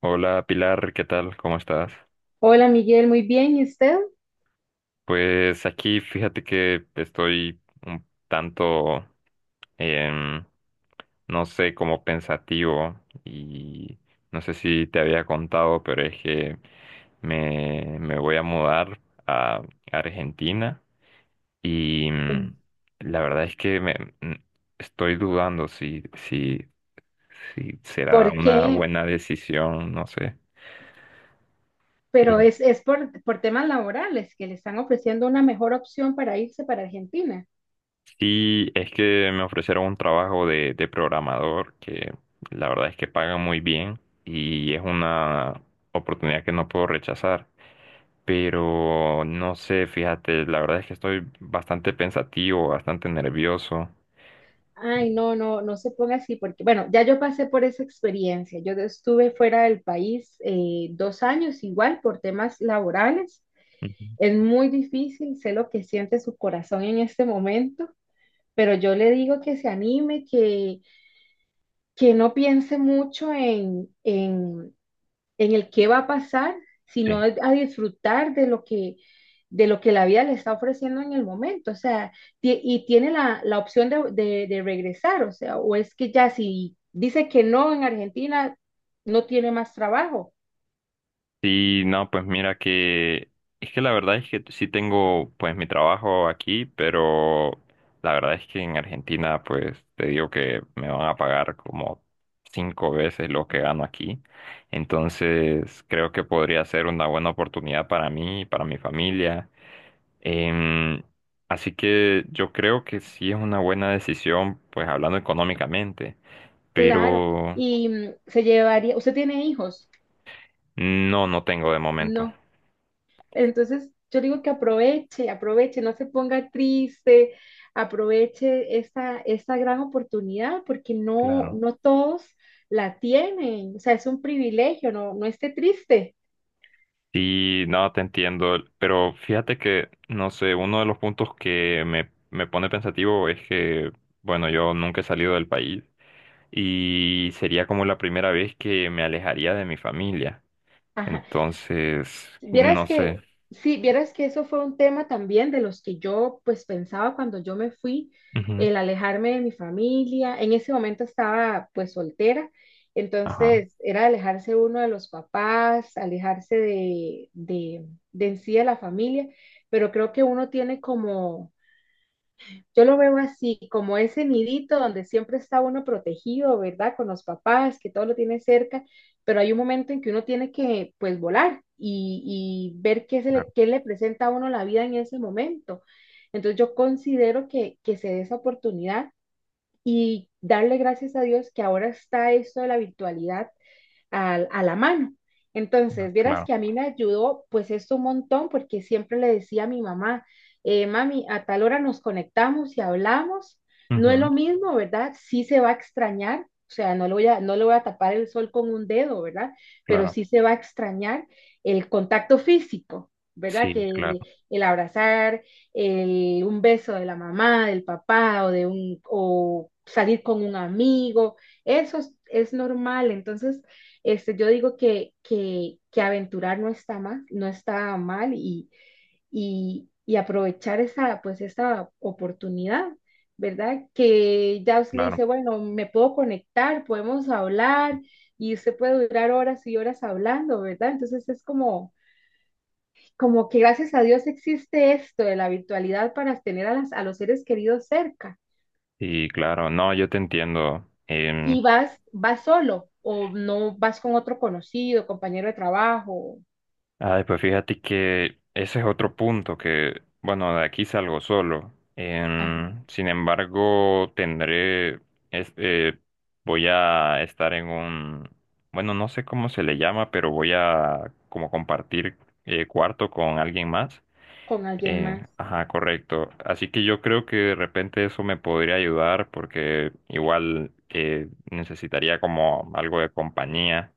Hola Pilar, ¿qué tal? ¿Cómo estás? Hola Miguel, muy bien. ¿Y usted? Pues aquí fíjate que estoy un tanto, em, no sé, como pensativo y no sé si te había contado, pero es que me voy a mudar a Argentina y Bien. La verdad es que mm, estoy dudando si será ¿Por una qué? buena decisión, no sé. Pero es por temas laborales que le están ofreciendo una mejor opción para irse para Argentina. Sí, es que me ofrecieron un trabajo de programador que la verdad es que paga muy bien y es una oportunidad que no puedo rechazar. Pero no sé, fíjate, la verdad es que estoy bastante pensativo, bastante nervioso. Ay, no, no, no se ponga así porque, bueno, ya yo pasé por esa experiencia. Yo estuve fuera del país dos años igual por temas laborales. Ujú. Es muy difícil, sé lo que siente su corazón en este momento, pero yo le digo que se anime, que no piense mucho en el qué va a pasar, sino Sí. a disfrutar de lo que la vida le está ofreciendo en el momento, o sea, y tiene la opción de regresar, o sea, o es que ya si dice que no en Argentina, no tiene más trabajo, Sí, no, pues mira que es que la verdad es que sí tengo pues mi trabajo aquí, pero la verdad es que en Argentina pues te digo que me van a pagar como 5 veces lo que gano aquí. Entonces creo que podría ser una buena oportunidad para mí, para mi familia. Em, Así que yo creo que sí es una buena decisión pues hablando económicamente, claro, pero y se llevaría, ¿usted tiene hijos? no, no tengo de momento. No. Entonces, yo digo que aproveche, aproveche, no se ponga triste, aproveche esta gran oportunidad porque no, Claro. no todos la tienen, o sea, es un privilegio, no, no esté triste. Sí, no, te entiendo, pero fíjate que, no sé, uno de los puntos que me pone pensativo es que, bueno, yo nunca he salido del país y sería como la primera vez que me alejaría de mi familia. Ajá. Entonces, Vieras no sé. que, sí, vieras que eso fue un tema también de los que yo pues pensaba cuando yo me fui, Ujú. el alejarme de mi familia. En ese momento estaba pues soltera, Ajá. entonces era alejarse uno de los papás, alejarse de en sí de la familia, pero creo que uno tiene como yo lo veo así, como ese nidito donde siempre está uno protegido, ¿verdad? Con los papás, que todo lo tiene cerca, pero hay un momento en que uno tiene que, pues, volar y ver Claro. qué le presenta a uno la vida en ese momento. Entonces yo considero que se dé esa oportunidad y darle gracias a Dios que ahora está esto de la virtualidad a la mano. No, Entonces, vieras claro. que a mí me ayudó pues esto un montón porque siempre le decía a mi mamá, mami, a tal hora nos conectamos y hablamos. No es Ujú. lo mismo, ¿verdad? Sí se va a extrañar, o sea, no le voy a tapar el sol con un dedo, ¿verdad? Pero Claro. sí se va a extrañar el contacto físico, ¿verdad? Sí, claro. Que el abrazar, un beso de la mamá, del papá o o salir con un amigo, eso es normal. Entonces, yo digo que aventurar no está mal, no está mal y aprovechar esa, pues, esa oportunidad, ¿verdad? Que ya usted le Claro. dice, bueno, me puedo conectar, podemos hablar y usted puede durar horas y horas hablando, ¿verdad? Entonces es como, como que gracias a Dios existe esto de la virtualidad para tener a los seres queridos cerca Sí, claro, no, yo te entiendo. y vas solo o no vas con otro conocido, compañero de trabajo. Ay, pues fíjate que ese es otro punto que, bueno, de aquí salgo solo. Ajá. Sin embargo, tendré, es- eh, voy a estar en un, bueno, no sé cómo se le llama, pero voy a como compartir cuarto con alguien más. Con alguien más. Ajá, correcto. Así que yo creo que de repente eso me podría ayudar porque igual necesitaría como algo de compañía.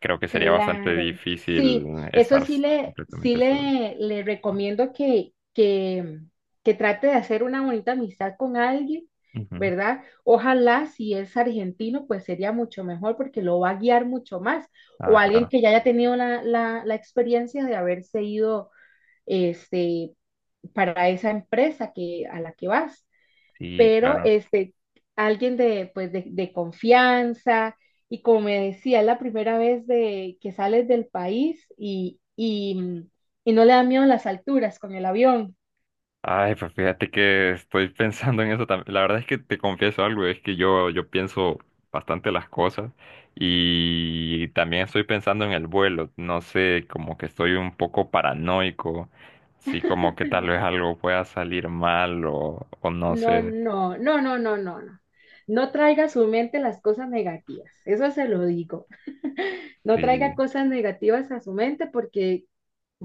Creo que sería bastante Claro. difícil Sí, eso estar sí s- le, sí completamente solo. le, le recomiendo que trate de hacer una bonita amistad con alguien, Ujú. ¿verdad? Ojalá si es argentino, pues sería mucho mejor porque lo va a guiar mucho más. Ah, O alguien claro. que ya haya tenido la experiencia de haberse ido este, para esa empresa a la que vas. Sí, Pero claro. Alguien de, pues, de confianza y como me decía, es la primera vez que sales del país y no le da miedo las alturas con el avión. Ay, pues fíjate que estoy pensando en eso también. La verdad es que te confieso algo, es que yo pienso bastante las cosas y también estoy pensando en el vuelo. No sé, como que estoy un poco paranoico, sí, como que tal vez algo pueda salir mal o no No, sé. no, no, no, no, no, no. No traiga a su mente las cosas negativas, eso se lo digo. No traiga Sí, cosas negativas a su mente porque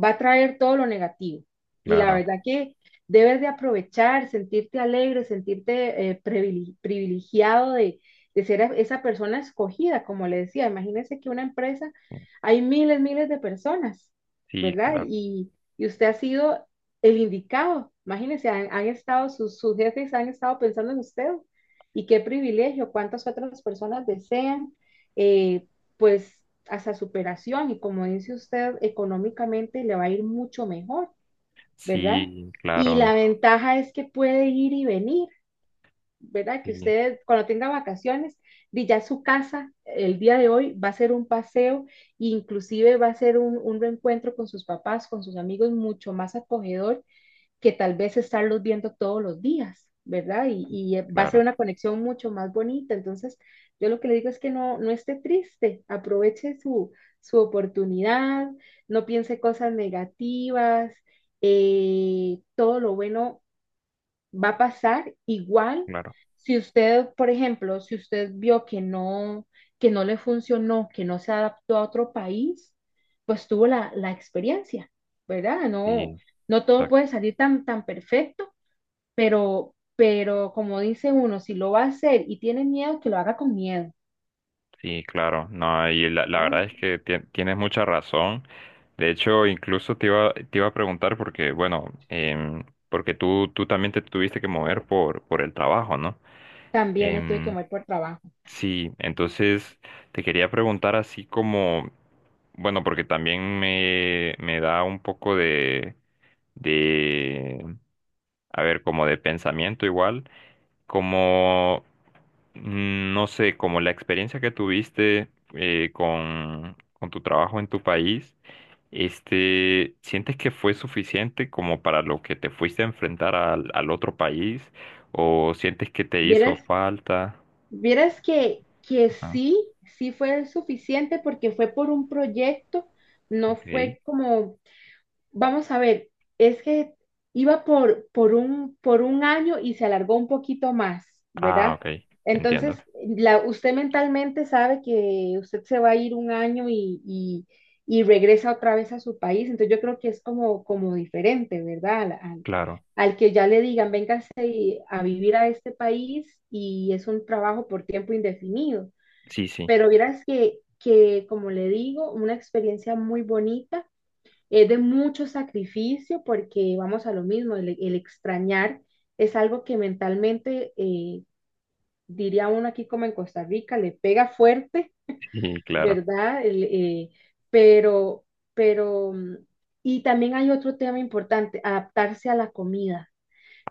va a traer todo lo negativo. Y la claro. verdad que debes de aprovechar, sentirte alegre, sentirte privilegiado de ser esa persona escogida, como le decía. Imagínese que una empresa, hay miles, miles de personas, Sí, ¿verdad? claro. Y usted ha sido el indicado. Imagínese, han estado, sus jefes han estado pensando en usted. Y qué privilegio, cuántas otras personas desean eh, pues hasta superación y como dice usted, económicamente le va a ir mucho mejor, ¿verdad? Sí, Y claro. la ventaja es que puede ir y venir, ¿verdad? Que Sí, usted cuando tenga vacaciones, ya su casa el día de hoy va a ser un paseo, e inclusive va a ser un reencuentro con sus papás, con sus amigos, mucho más acogedor que tal vez estarlos viendo todos los días, ¿verdad? Y va a ser claro. una conexión mucho más bonita. Entonces, yo lo que le digo es que no, no esté triste, aproveche su oportunidad, no piense cosas negativas, todo lo bueno va a pasar igual Claro. si usted, por ejemplo, si usted vio que no le funcionó, que no se adaptó a otro país, pues tuvo la experiencia, ¿verdad? No, Sí, no todo sa- puede salir tan, tan perfecto, pero como dice uno, si lo va a hacer y tiene miedo, que lo haga con miedo, sí, claro. No, y la ¿verdad? verdad es que tienes mucha razón. De hecho, incluso te iba a preguntar porque, bueno, porque tú también te tuviste que mover por el trabajo, ¿no? También me tuve que Em, mover por trabajo. sí, entonces te quería preguntar así como, bueno, porque también me da un poco de a ver, como de pensamiento igual, como, no sé, como la experiencia que tuviste con tu trabajo en tu país, este, ¿sientes que fue suficiente como para lo que te fuiste a enfrentar al, al otro país? ¿O sientes que te hizo Vieras, falta? vieras que Ajá, sí, sí fue suficiente porque fue por un proyecto, no ok. fue como. Vamos a ver, es que iba por un año y se alargó un poquito más, Ah, ¿verdad? ok, entiendo. Entonces, usted mentalmente sabe que usted se va a ir un año y regresa otra vez a su país, entonces yo creo que es como, diferente, ¿verdad? Al, al- Claro. al que ya le digan, véngase a vivir a este país y es un trabajo por tiempo indefinido. Sí, sí, Pero vieras que, como le digo, una experiencia muy bonita es de mucho sacrificio porque vamos a lo mismo, el extrañar es algo que mentalmente, diría uno aquí como en Costa Rica, le pega fuerte, sí, claro. ¿verdad? El, pero, pero, mm, Y también hay otro tema importante, adaptarse a la comida.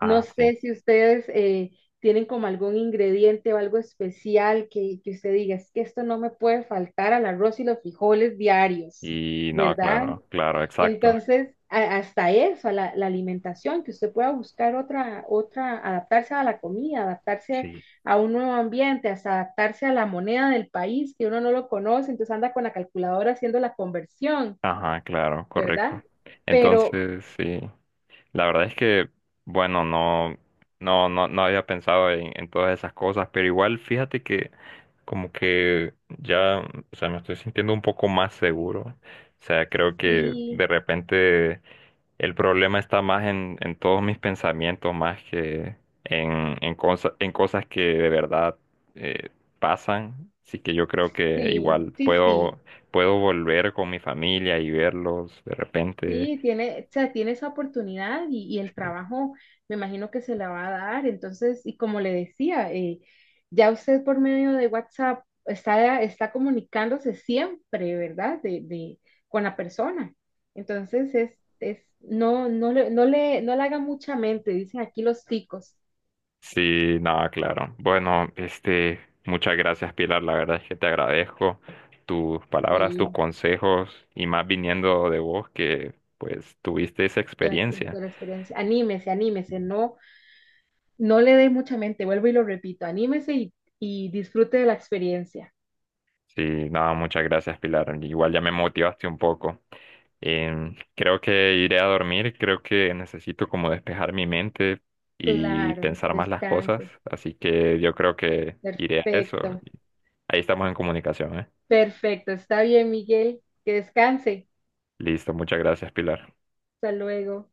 No sí. sé si ustedes tienen como algún ingrediente o algo especial que usted diga, es que esto no me puede faltar al arroz y los frijoles diarios, Y no, ¿verdad? claro, claro, exacto. Entonces, hasta eso, a la alimentación, que usted pueda buscar otra, adaptarse a la comida, adaptarse Sí. a un nuevo ambiente, hasta adaptarse a la moneda del país, que uno no lo conoce, entonces anda con la calculadora haciendo la conversión, Ajá, claro, ¿verdad? correcto. Pero Entonces, sí. La verdad es que, bueno, no, no, no, no había pensado en todas esas cosas, pero igual fíjate que como que ya, o sea, me estoy sintiendo un poco más seguro. O sea, creo que sí, de repente el problema está más en todos mis pensamientos, más que en, en cosas que de verdad eh, pasan. Así que yo creo que sí, igual sí, sí. puedo, puedo volver con mi familia y verlos de repente. Sí, tiene, o sea, tiene esa oportunidad y el trabajo me imagino que se la va a dar. Entonces, y como le decía, ya usted por medio de WhatsApp está comunicándose siempre, ¿verdad? Con la persona. Entonces, no, no le haga mucha mente, dicen aquí los ticos. Sí, nada, claro. Bueno, este, muchas gracias, Pilar. La verdad es que te agradezco tus palabras, tus Sí, consejos y más viniendo de vos que pues tuviste esa la, experiencia. la experiencia. Anímese, anímese, no, no le dé mucha mente, vuelvo y lo repito, anímese y disfrute de la experiencia. Sí, nada, muchas gracias, Pilar. Igual ya me motivaste un poco. Creo que iré a dormir, creo que necesito como despejar mi mente y Claro, pensar más las cosas, descanse. así que yo creo que iré a eso. Perfecto, Ahí estamos en comunicación, ¿eh? perfecto. Está bien, Miguel. Que descanse. Listo, muchas gracias, Pilar. Hasta luego.